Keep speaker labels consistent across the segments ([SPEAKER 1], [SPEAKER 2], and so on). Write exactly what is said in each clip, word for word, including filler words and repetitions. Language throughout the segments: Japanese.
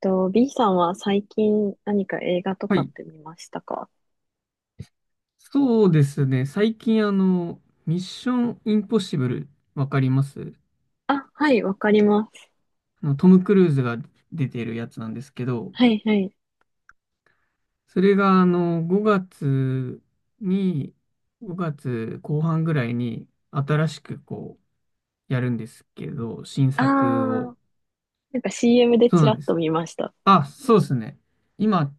[SPEAKER 1] と、B さんは最近何か映画と
[SPEAKER 2] は
[SPEAKER 1] かっ
[SPEAKER 2] い。
[SPEAKER 1] て見ましたか？
[SPEAKER 2] そうですね。最近、あの、ミッションインポッシブル、わかります？
[SPEAKER 1] あ、はい、わかります。
[SPEAKER 2] あの、トム・クルーズが出てるやつなんですけど、
[SPEAKER 1] はいはい。
[SPEAKER 2] それが、あの、ごがつに、ごがつこう半ぐらいに、新しく、こう、やるんですけど、新
[SPEAKER 1] あ
[SPEAKER 2] 作を。
[SPEAKER 1] ー、なんか シーエム で
[SPEAKER 2] そう
[SPEAKER 1] ち
[SPEAKER 2] な
[SPEAKER 1] ら
[SPEAKER 2] ん
[SPEAKER 1] っ
[SPEAKER 2] で
[SPEAKER 1] と
[SPEAKER 2] す。
[SPEAKER 1] 見ました。
[SPEAKER 2] あ、そうですね。今、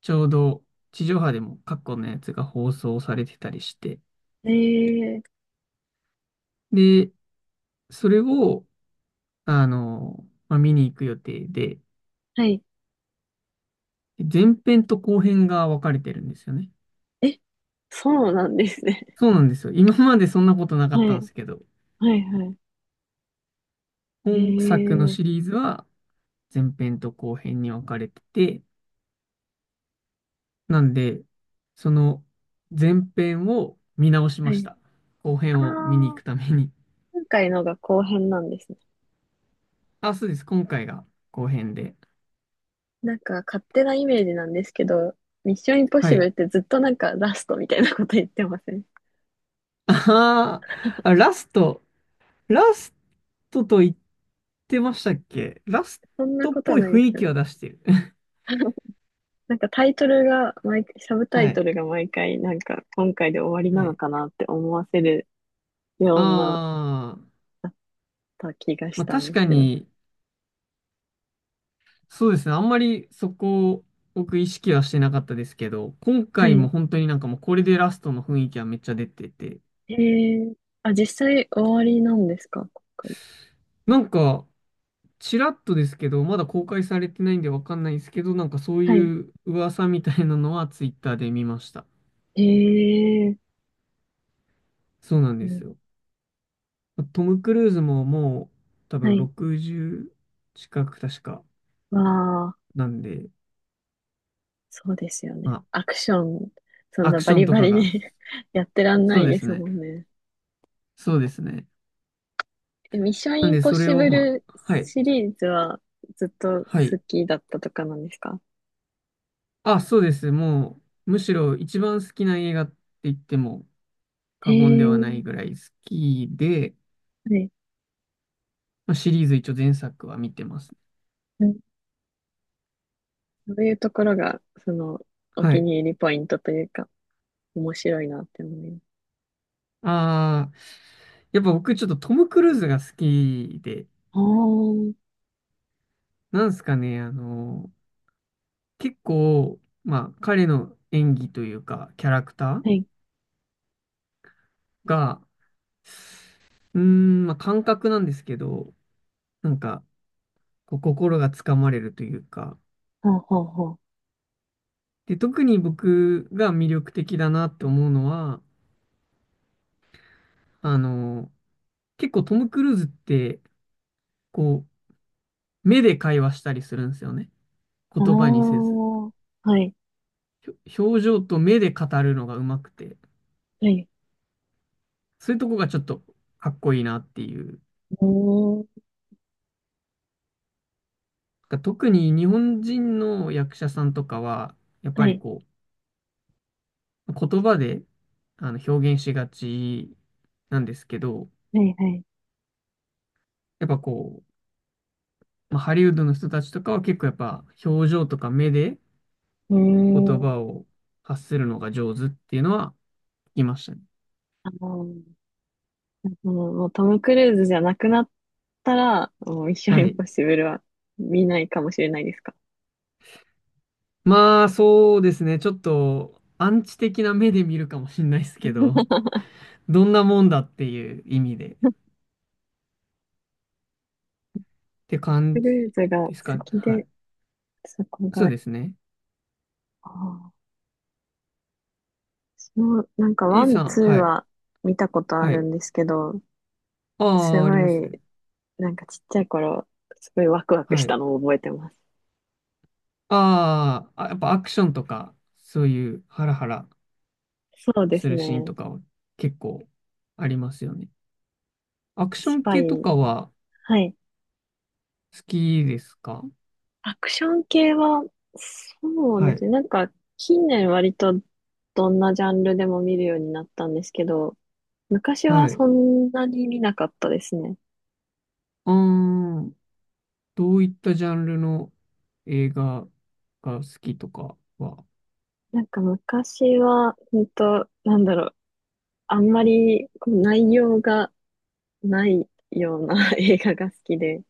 [SPEAKER 2] ちょうど、地上波でも過去のやつが放送されてたりして、
[SPEAKER 1] えー、
[SPEAKER 2] で、それを、あの、まあ、見に行く予定で、
[SPEAKER 1] はい。
[SPEAKER 2] 前編と後編が分かれてるんですよね。
[SPEAKER 1] え、そうなんですね。
[SPEAKER 2] そうなんですよ。今までそんなことな か
[SPEAKER 1] は
[SPEAKER 2] ったんで
[SPEAKER 1] い、
[SPEAKER 2] すけど、
[SPEAKER 1] はいはい。
[SPEAKER 2] 本作の
[SPEAKER 1] えー、
[SPEAKER 2] シリーズは前編と後編に分かれてて、なんで、その前編を見直し
[SPEAKER 1] は
[SPEAKER 2] まし
[SPEAKER 1] い。
[SPEAKER 2] た。後
[SPEAKER 1] あ
[SPEAKER 2] 編を見に行
[SPEAKER 1] ー、
[SPEAKER 2] くために。
[SPEAKER 1] 今回のが後編なんですね。
[SPEAKER 2] あ、そうです。今回が後編で。
[SPEAKER 1] なんか勝手なイメージなんですけど、ミッションインポッ
[SPEAKER 2] は
[SPEAKER 1] シブル
[SPEAKER 2] い。
[SPEAKER 1] ってずっとなんかラストみたいなこと言ってません？
[SPEAKER 2] あーあ、ラスト。ラストと言ってましたっけ？ラス
[SPEAKER 1] そんな
[SPEAKER 2] トっ
[SPEAKER 1] ことは
[SPEAKER 2] ぽい
[SPEAKER 1] ない
[SPEAKER 2] 雰
[SPEAKER 1] です
[SPEAKER 2] 囲
[SPEAKER 1] か
[SPEAKER 2] 気
[SPEAKER 1] ね。
[SPEAKER 2] は出してる。
[SPEAKER 1] なんかタイトルが毎、サブタ
[SPEAKER 2] は
[SPEAKER 1] イト
[SPEAKER 2] い。
[SPEAKER 1] ルが毎回、なんか今回で終わりな
[SPEAKER 2] は
[SPEAKER 1] の
[SPEAKER 2] い。
[SPEAKER 1] かなって思わせるようなっ
[SPEAKER 2] ああ、
[SPEAKER 1] た気がし
[SPEAKER 2] まあ
[SPEAKER 1] たん
[SPEAKER 2] 確
[SPEAKER 1] です
[SPEAKER 2] か
[SPEAKER 1] けど。
[SPEAKER 2] に、そうですね。あんまりそこを僕意識はしてなかったですけど、今
[SPEAKER 1] は
[SPEAKER 2] 回も
[SPEAKER 1] い。
[SPEAKER 2] 本当になんかもうこれでラストの雰囲気はめっちゃ出てて、
[SPEAKER 1] へえ。あ、実際終わりなんですか今回？
[SPEAKER 2] なんかちらっとですけど、まだ公開されてないんでわかんないですけど、なんかそう
[SPEAKER 1] はい。
[SPEAKER 2] いう噂みたいなのはツイッターで見ました。
[SPEAKER 1] へえ。
[SPEAKER 2] そうなん
[SPEAKER 1] う
[SPEAKER 2] です
[SPEAKER 1] ん、
[SPEAKER 2] よ。トム・クルーズももう多
[SPEAKER 1] は
[SPEAKER 2] 分
[SPEAKER 1] い。
[SPEAKER 2] ろくじゅう近く確か
[SPEAKER 1] わあ、
[SPEAKER 2] なんで、
[SPEAKER 1] そうですよね。
[SPEAKER 2] ま
[SPEAKER 1] アクション、そ
[SPEAKER 2] あ
[SPEAKER 1] ん
[SPEAKER 2] ア
[SPEAKER 1] な
[SPEAKER 2] ク
[SPEAKER 1] バ
[SPEAKER 2] ション
[SPEAKER 1] リ
[SPEAKER 2] と
[SPEAKER 1] バ
[SPEAKER 2] か
[SPEAKER 1] リ
[SPEAKER 2] が、
[SPEAKER 1] に やってらんな
[SPEAKER 2] そう
[SPEAKER 1] い
[SPEAKER 2] で
[SPEAKER 1] で
[SPEAKER 2] す
[SPEAKER 1] す
[SPEAKER 2] ね。
[SPEAKER 1] もんね。
[SPEAKER 2] そうですね。
[SPEAKER 1] え、ミッション
[SPEAKER 2] なん
[SPEAKER 1] イン
[SPEAKER 2] で
[SPEAKER 1] ポッ
[SPEAKER 2] それ
[SPEAKER 1] シ
[SPEAKER 2] を
[SPEAKER 1] ブ
[SPEAKER 2] ま
[SPEAKER 1] ル
[SPEAKER 2] あ、はい。
[SPEAKER 1] シリーズはずっと
[SPEAKER 2] は
[SPEAKER 1] 好
[SPEAKER 2] い。
[SPEAKER 1] きだったとかなんですか？
[SPEAKER 2] あ、そうです。もう、むしろ一番好きな映画って言っても
[SPEAKER 1] へ
[SPEAKER 2] 過言で
[SPEAKER 1] え。
[SPEAKER 2] はないぐらい好きで、
[SPEAKER 1] はい。
[SPEAKER 2] まあ、シリーズ一応前作は見てます。
[SPEAKER 1] そういうところが、その、お
[SPEAKER 2] は
[SPEAKER 1] 気
[SPEAKER 2] い。
[SPEAKER 1] に入りポイントというか、面白いなって思います。
[SPEAKER 2] ああ、やっぱ僕ちょっとトム・クルーズが好きで、
[SPEAKER 1] ああ、は
[SPEAKER 2] なんすかね、あの、結構、まあ彼の演技というか、キャラクター
[SPEAKER 1] い。
[SPEAKER 2] が、うーん、まあ感覚なんですけど、なんか、こう心がつかまれるというか、
[SPEAKER 1] はあ、はあ、は
[SPEAKER 2] で、特に僕が魅力的だなって思うのは、あの、結構トム・クルーズって、こう、目で会話したりするんですよね。
[SPEAKER 1] あ。あ
[SPEAKER 2] 言葉にせず。
[SPEAKER 1] あ、はい、
[SPEAKER 2] ひょ表情と目で語るのがうまくて、
[SPEAKER 1] はい。
[SPEAKER 2] そういうとこがちょっとかっこいいなっていう。
[SPEAKER 1] うーん、
[SPEAKER 2] なんか特に日本人の役者さんとかは、やっ
[SPEAKER 1] は
[SPEAKER 2] ぱり
[SPEAKER 1] い、
[SPEAKER 2] こう、言葉であの表現しがちなんですけど、
[SPEAKER 1] はい、はい。
[SPEAKER 2] やっぱこう、まあ、ハリウッドの人たちとかは結構やっぱ表情とか目で
[SPEAKER 1] うー
[SPEAKER 2] 言葉
[SPEAKER 1] ん。
[SPEAKER 2] を発するのが上手っていうのは聞きましたね。
[SPEAKER 1] あの、もうもうトム・クルーズじゃなくなったら、もうミッション・
[SPEAKER 2] は
[SPEAKER 1] イン
[SPEAKER 2] い。
[SPEAKER 1] ポッシブルは見ないかもしれないですか？
[SPEAKER 2] まあ、そうですね。ちょっと、アンチ的な目で見るかもしれないですけど、どんなもんだっていう意味で、って
[SPEAKER 1] ク
[SPEAKER 2] 感
[SPEAKER 1] ルーズ
[SPEAKER 2] じ
[SPEAKER 1] が好
[SPEAKER 2] ですかね。
[SPEAKER 1] き
[SPEAKER 2] はい。
[SPEAKER 1] で、そこ
[SPEAKER 2] そ
[SPEAKER 1] が、
[SPEAKER 2] う
[SPEAKER 1] あ
[SPEAKER 2] ですね。
[SPEAKER 1] あ、私もなんかワ
[SPEAKER 2] A
[SPEAKER 1] ン、
[SPEAKER 2] さん、
[SPEAKER 1] ツー
[SPEAKER 2] はい。
[SPEAKER 1] は見たことあ
[SPEAKER 2] は
[SPEAKER 1] る
[SPEAKER 2] い。
[SPEAKER 1] んですけど、す
[SPEAKER 2] ああ、あり
[SPEAKER 1] ご
[SPEAKER 2] ます。
[SPEAKER 1] い、なんかちっちゃい頃、すごいワクワク
[SPEAKER 2] は
[SPEAKER 1] した
[SPEAKER 2] い。
[SPEAKER 1] のを覚えてます。
[SPEAKER 2] あーあ、やっぱアクションとか、そういうハラハラ
[SPEAKER 1] そうで
[SPEAKER 2] す
[SPEAKER 1] す
[SPEAKER 2] るシーン
[SPEAKER 1] ね。
[SPEAKER 2] とかは結構ありますよね。
[SPEAKER 1] なん
[SPEAKER 2] ア
[SPEAKER 1] か
[SPEAKER 2] クショ
[SPEAKER 1] ス
[SPEAKER 2] ン
[SPEAKER 1] パイ。
[SPEAKER 2] 系とかは
[SPEAKER 1] はい。
[SPEAKER 2] 好きですか？
[SPEAKER 1] アクション系は、そう
[SPEAKER 2] は
[SPEAKER 1] です
[SPEAKER 2] い。
[SPEAKER 1] ね。なんか、近年割とどんなジャンルでも見るようになったんですけど、昔
[SPEAKER 2] はい。
[SPEAKER 1] は
[SPEAKER 2] う
[SPEAKER 1] そんなに見なかったですね。
[SPEAKER 2] ーん。どういったジャンルの映画が好きとかは、
[SPEAKER 1] なんか昔は、本当なんだろう、あんまりこう内容がないような 映画が好きで、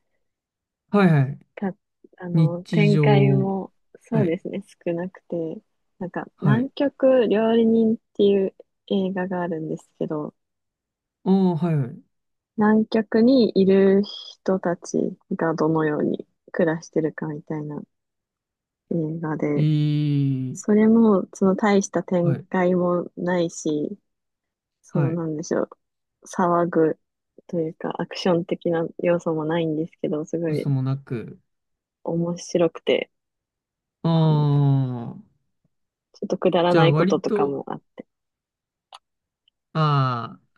[SPEAKER 2] はいはい。
[SPEAKER 1] か、あの、
[SPEAKER 2] 日
[SPEAKER 1] 展
[SPEAKER 2] 常、
[SPEAKER 1] 開も、そ
[SPEAKER 2] は
[SPEAKER 1] う
[SPEAKER 2] い、
[SPEAKER 1] ですね、少なくて、なんか、
[SPEAKER 2] は
[SPEAKER 1] 南
[SPEAKER 2] い。
[SPEAKER 1] 極料理人っていう映画があるんですけど、
[SPEAKER 2] ああ、はいはい。
[SPEAKER 1] 南極にいる人たちがどのように暮らしてるかみたいな映画で、
[SPEAKER 2] いい、
[SPEAKER 1] それも、その大した
[SPEAKER 2] は
[SPEAKER 1] 展
[SPEAKER 2] い、
[SPEAKER 1] 開もないし、そ
[SPEAKER 2] は
[SPEAKER 1] の、
[SPEAKER 2] い。
[SPEAKER 1] なんでしょう、騒ぐというか、アクション的な要素もないんですけど、すご
[SPEAKER 2] 嘘
[SPEAKER 1] い
[SPEAKER 2] もなく。
[SPEAKER 1] 面白くて、
[SPEAKER 2] あ
[SPEAKER 1] あの、
[SPEAKER 2] あ、
[SPEAKER 1] ちょっとくだら
[SPEAKER 2] じゃ
[SPEAKER 1] な
[SPEAKER 2] あ
[SPEAKER 1] いこ
[SPEAKER 2] 割
[SPEAKER 1] ととか
[SPEAKER 2] と、
[SPEAKER 1] もあって、
[SPEAKER 2] ああ、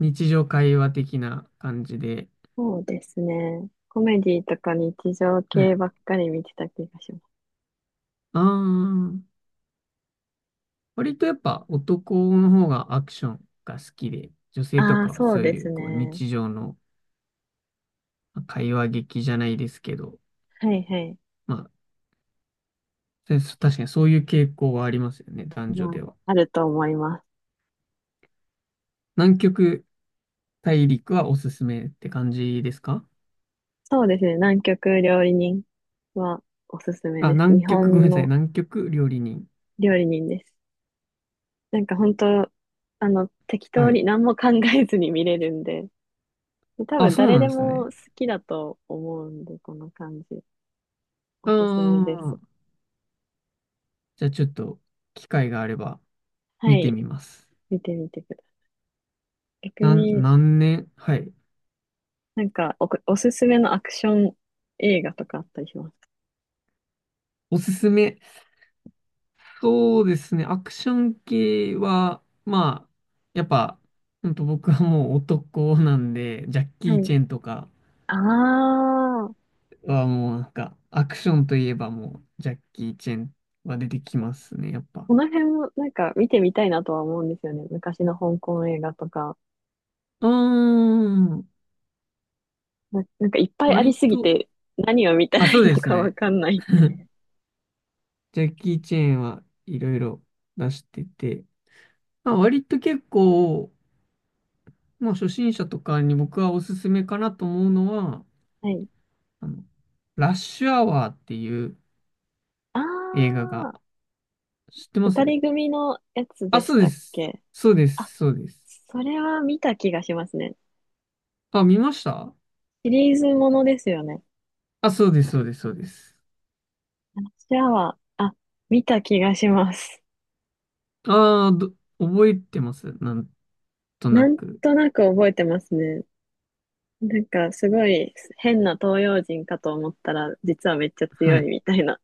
[SPEAKER 2] 日常会話的な感じで。
[SPEAKER 1] そうですね。コメディとか日常
[SPEAKER 2] は
[SPEAKER 1] 系
[SPEAKER 2] い。
[SPEAKER 1] ばっかり見てた気がします。
[SPEAKER 2] ああ、割とやっぱ男の方がアクションが好きで、女性と
[SPEAKER 1] ああ、
[SPEAKER 2] かは
[SPEAKER 1] そう
[SPEAKER 2] そう
[SPEAKER 1] で
[SPEAKER 2] い
[SPEAKER 1] す
[SPEAKER 2] うこう
[SPEAKER 1] ね。
[SPEAKER 2] 日常のまあ会話劇じゃないですけど、
[SPEAKER 1] はいはい。
[SPEAKER 2] まあ、でそ確かにそういう傾向はありますよね、男女
[SPEAKER 1] まあ、
[SPEAKER 2] では。
[SPEAKER 1] あると思います。
[SPEAKER 2] 南極大陸はおすすめって感じですか？
[SPEAKER 1] そうですね。南極料理人はおすすめ
[SPEAKER 2] あ、
[SPEAKER 1] です。
[SPEAKER 2] 南
[SPEAKER 1] 日
[SPEAKER 2] 極、ごめん
[SPEAKER 1] 本
[SPEAKER 2] なさい、
[SPEAKER 1] の
[SPEAKER 2] 南極料理人。
[SPEAKER 1] 料理人です。なんか本当、あの、適
[SPEAKER 2] は
[SPEAKER 1] 当
[SPEAKER 2] い。
[SPEAKER 1] に何も考えずに見れるんで、多
[SPEAKER 2] あ、
[SPEAKER 1] 分
[SPEAKER 2] そう
[SPEAKER 1] 誰
[SPEAKER 2] なん
[SPEAKER 1] で
[SPEAKER 2] です
[SPEAKER 1] も
[SPEAKER 2] ね。
[SPEAKER 1] 好きだと思うんで、この感じ。お
[SPEAKER 2] あ
[SPEAKER 1] すすめです。
[SPEAKER 2] あ、じゃあちょっと機会があれば
[SPEAKER 1] は
[SPEAKER 2] 見て
[SPEAKER 1] い。
[SPEAKER 2] みます。
[SPEAKER 1] 見てみてください。逆
[SPEAKER 2] なん、
[SPEAKER 1] に、
[SPEAKER 2] 何年。はい。
[SPEAKER 1] なんかお、おすすめのアクション映画とかあったりします？
[SPEAKER 2] おすすめ。そうですね、アクション系は、まあ、やっぱ、ほんと僕はもう男なんで、ジャッキ
[SPEAKER 1] かは
[SPEAKER 2] ー・
[SPEAKER 1] い。
[SPEAKER 2] チェンとか、
[SPEAKER 1] ああ、
[SPEAKER 2] はもうなんか、アクションといえばもう、ジャッキー・チェンは出てきますね、やっぱ。
[SPEAKER 1] この辺もなんか見てみたいなとは思うんですよね。昔の香港映画とか。
[SPEAKER 2] うーん、
[SPEAKER 1] な、なんかいっぱいあり
[SPEAKER 2] 割
[SPEAKER 1] すぎ
[SPEAKER 2] と、
[SPEAKER 1] て何を見た
[SPEAKER 2] あ、
[SPEAKER 1] ら
[SPEAKER 2] そ
[SPEAKER 1] い
[SPEAKER 2] う
[SPEAKER 1] いの
[SPEAKER 2] です
[SPEAKER 1] かわ
[SPEAKER 2] ね。
[SPEAKER 1] かんないっ て。
[SPEAKER 2] ジャッキー・チェンはいろいろ出してて、まあ、割と結構、まあ、初心者とかに僕はおすすめかなと思うのは、
[SPEAKER 1] はい。
[SPEAKER 2] あの、ラッシュアワーっていう
[SPEAKER 1] あ
[SPEAKER 2] 映画が、
[SPEAKER 1] あ、
[SPEAKER 2] 知ってま
[SPEAKER 1] 二
[SPEAKER 2] す？
[SPEAKER 1] 人組のやつ
[SPEAKER 2] あ、
[SPEAKER 1] でし
[SPEAKER 2] そう
[SPEAKER 1] た
[SPEAKER 2] で
[SPEAKER 1] っ
[SPEAKER 2] す。
[SPEAKER 1] け？
[SPEAKER 2] そうで
[SPEAKER 1] あ、
[SPEAKER 2] す、そうです。
[SPEAKER 1] それは見た気がしますね。
[SPEAKER 2] あ、見ました？
[SPEAKER 1] シリーズものですよね。
[SPEAKER 2] あ、そうです、そうです、そうです。
[SPEAKER 1] 私は、あ、見た気がします。
[SPEAKER 2] ああ、ど、覚えてます。なんとな
[SPEAKER 1] なん
[SPEAKER 2] く。
[SPEAKER 1] となく覚えてますね。なんかすごい変な東洋人かと思ったら、実はめっちゃ
[SPEAKER 2] は
[SPEAKER 1] 強い
[SPEAKER 2] い。
[SPEAKER 1] みたいな。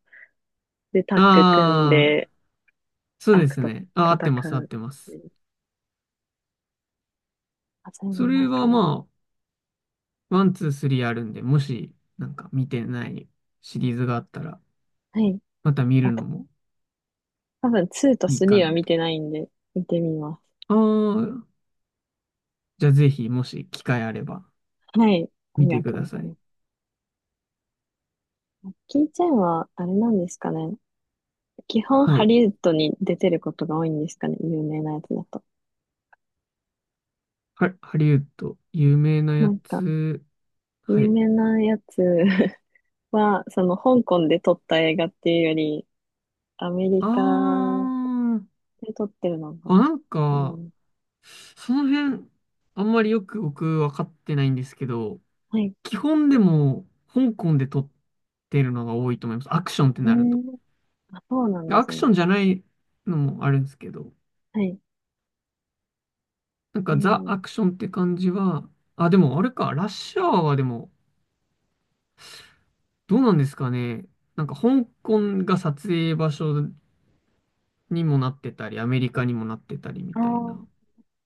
[SPEAKER 1] で、タ
[SPEAKER 2] あ
[SPEAKER 1] ッグ組ん
[SPEAKER 2] あ、
[SPEAKER 1] で
[SPEAKER 2] そうで
[SPEAKER 1] 悪
[SPEAKER 2] す
[SPEAKER 1] と
[SPEAKER 2] ね。ああ、合っ
[SPEAKER 1] 戦
[SPEAKER 2] てます、合っ
[SPEAKER 1] う。
[SPEAKER 2] てます。
[SPEAKER 1] あ、それ
[SPEAKER 2] そ
[SPEAKER 1] 見ま
[SPEAKER 2] れ
[SPEAKER 1] し
[SPEAKER 2] は
[SPEAKER 1] たね。
[SPEAKER 2] まあ、ワン、ツー、スリーあるんで、もし、なんか見てないシリーズがあったら、
[SPEAKER 1] はい。
[SPEAKER 2] また見る
[SPEAKER 1] あ
[SPEAKER 2] の
[SPEAKER 1] と、
[SPEAKER 2] も
[SPEAKER 1] 多分にと
[SPEAKER 2] いい
[SPEAKER 1] さん
[SPEAKER 2] か
[SPEAKER 1] は
[SPEAKER 2] な
[SPEAKER 1] 見
[SPEAKER 2] と。
[SPEAKER 1] てないんで、見てみま
[SPEAKER 2] ああ、じゃあぜひ、もし機会あれば、
[SPEAKER 1] す。はい。あ
[SPEAKER 2] 見
[SPEAKER 1] りが
[SPEAKER 2] てく
[SPEAKER 1] と
[SPEAKER 2] だ
[SPEAKER 1] うござ
[SPEAKER 2] さ
[SPEAKER 1] い
[SPEAKER 2] い。
[SPEAKER 1] ます。キーチェンは、あれなんですかね。基本
[SPEAKER 2] は
[SPEAKER 1] ハ
[SPEAKER 2] い。
[SPEAKER 1] リウッドに出てることが多いんですかね。有名なやつだと。
[SPEAKER 2] ハハリウッド、有名な
[SPEAKER 1] な
[SPEAKER 2] や
[SPEAKER 1] んか、
[SPEAKER 2] つ。
[SPEAKER 1] 有
[SPEAKER 2] はい。
[SPEAKER 1] 名なやつ は、その香港で撮った映画っていうより、アメリ
[SPEAKER 2] あ
[SPEAKER 1] カ
[SPEAKER 2] あ、
[SPEAKER 1] で、撮ってるのが。
[SPEAKER 2] あ、なん
[SPEAKER 1] う
[SPEAKER 2] か、
[SPEAKER 1] ん、
[SPEAKER 2] その辺、あんまりよく僕分かってないんですけど、
[SPEAKER 1] はい。
[SPEAKER 2] 基本でも香港で撮ってるのが多いと思います。アクションって
[SPEAKER 1] う
[SPEAKER 2] なると。
[SPEAKER 1] ん。あ、そうなんで
[SPEAKER 2] ア
[SPEAKER 1] す
[SPEAKER 2] クシ
[SPEAKER 1] ね。
[SPEAKER 2] ョンじゃないのもあるんですけど、
[SPEAKER 1] はい。
[SPEAKER 2] なん
[SPEAKER 1] え
[SPEAKER 2] かザ・
[SPEAKER 1] ー、
[SPEAKER 2] アクションって感じは、あ、でもあれか、ラッシュアワーはでも、どうなんですかね。なんか香港が撮影場所にもなってたり、アメリカにもなってたりみ
[SPEAKER 1] あ
[SPEAKER 2] たいな。
[SPEAKER 1] ー、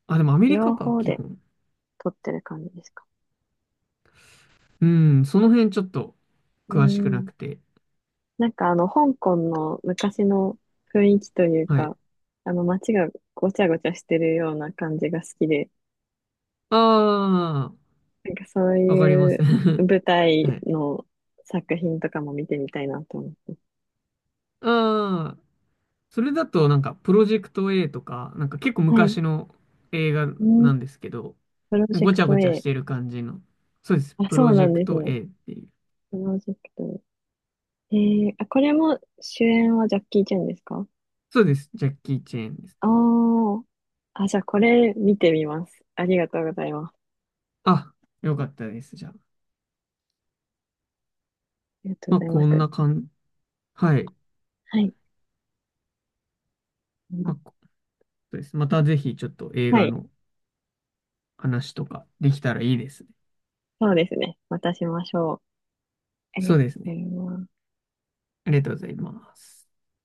[SPEAKER 2] あ、でもアメリカ
[SPEAKER 1] 両
[SPEAKER 2] か、
[SPEAKER 1] 方
[SPEAKER 2] 基
[SPEAKER 1] で
[SPEAKER 2] 本。
[SPEAKER 1] 撮ってる感じですか？
[SPEAKER 2] うん、その辺ちょっと
[SPEAKER 1] う
[SPEAKER 2] 詳しくな
[SPEAKER 1] ん。
[SPEAKER 2] くて。
[SPEAKER 1] なんかあの、香港の昔の雰囲気という
[SPEAKER 2] はい。
[SPEAKER 1] か、あの、街がごちゃごちゃしてるような感じが好きで、
[SPEAKER 2] ああ。
[SPEAKER 1] なんかそう
[SPEAKER 2] わかりま
[SPEAKER 1] い
[SPEAKER 2] す。
[SPEAKER 1] う舞
[SPEAKER 2] は
[SPEAKER 1] 台
[SPEAKER 2] い。
[SPEAKER 1] の作品とかも見てみたいなと思って。
[SPEAKER 2] ああ、それだとなんか、プロジェクト A とか、なんか結構
[SPEAKER 1] はい。
[SPEAKER 2] 昔の映画
[SPEAKER 1] うん。
[SPEAKER 2] なんですけど、
[SPEAKER 1] プロジェ
[SPEAKER 2] ごち
[SPEAKER 1] ク
[SPEAKER 2] ゃ
[SPEAKER 1] ト
[SPEAKER 2] ごちゃし
[SPEAKER 1] A。
[SPEAKER 2] てる感じの。そうです。
[SPEAKER 1] あ、
[SPEAKER 2] プ
[SPEAKER 1] そ
[SPEAKER 2] ロ
[SPEAKER 1] う
[SPEAKER 2] ジ
[SPEAKER 1] なん
[SPEAKER 2] ェク
[SPEAKER 1] です
[SPEAKER 2] ト
[SPEAKER 1] ね。
[SPEAKER 2] A っていう。
[SPEAKER 1] プロジェクト A。えー、あ、これも主演はジャッキー・チェンですか？
[SPEAKER 2] そうです。ジャッキー・チェーンです。
[SPEAKER 1] ああー。あ、じゃあこれ見てみます。ありがとうございます。あ
[SPEAKER 2] あ、よかったです。じゃあ。
[SPEAKER 1] りがとう
[SPEAKER 2] ま
[SPEAKER 1] ご
[SPEAKER 2] あ、
[SPEAKER 1] ざいま
[SPEAKER 2] こ
[SPEAKER 1] した。
[SPEAKER 2] んな感じ。はい。
[SPEAKER 1] はい。ま
[SPEAKER 2] まあ、こそうです。またぜひちょっと映
[SPEAKER 1] は
[SPEAKER 2] 画
[SPEAKER 1] い。
[SPEAKER 2] の話とかできたらいいですね。
[SPEAKER 1] そうですね。またしましょう。ありが
[SPEAKER 2] そう
[SPEAKER 1] と
[SPEAKER 2] です
[SPEAKER 1] うござ
[SPEAKER 2] ね。
[SPEAKER 1] います。
[SPEAKER 2] ありがとうございます。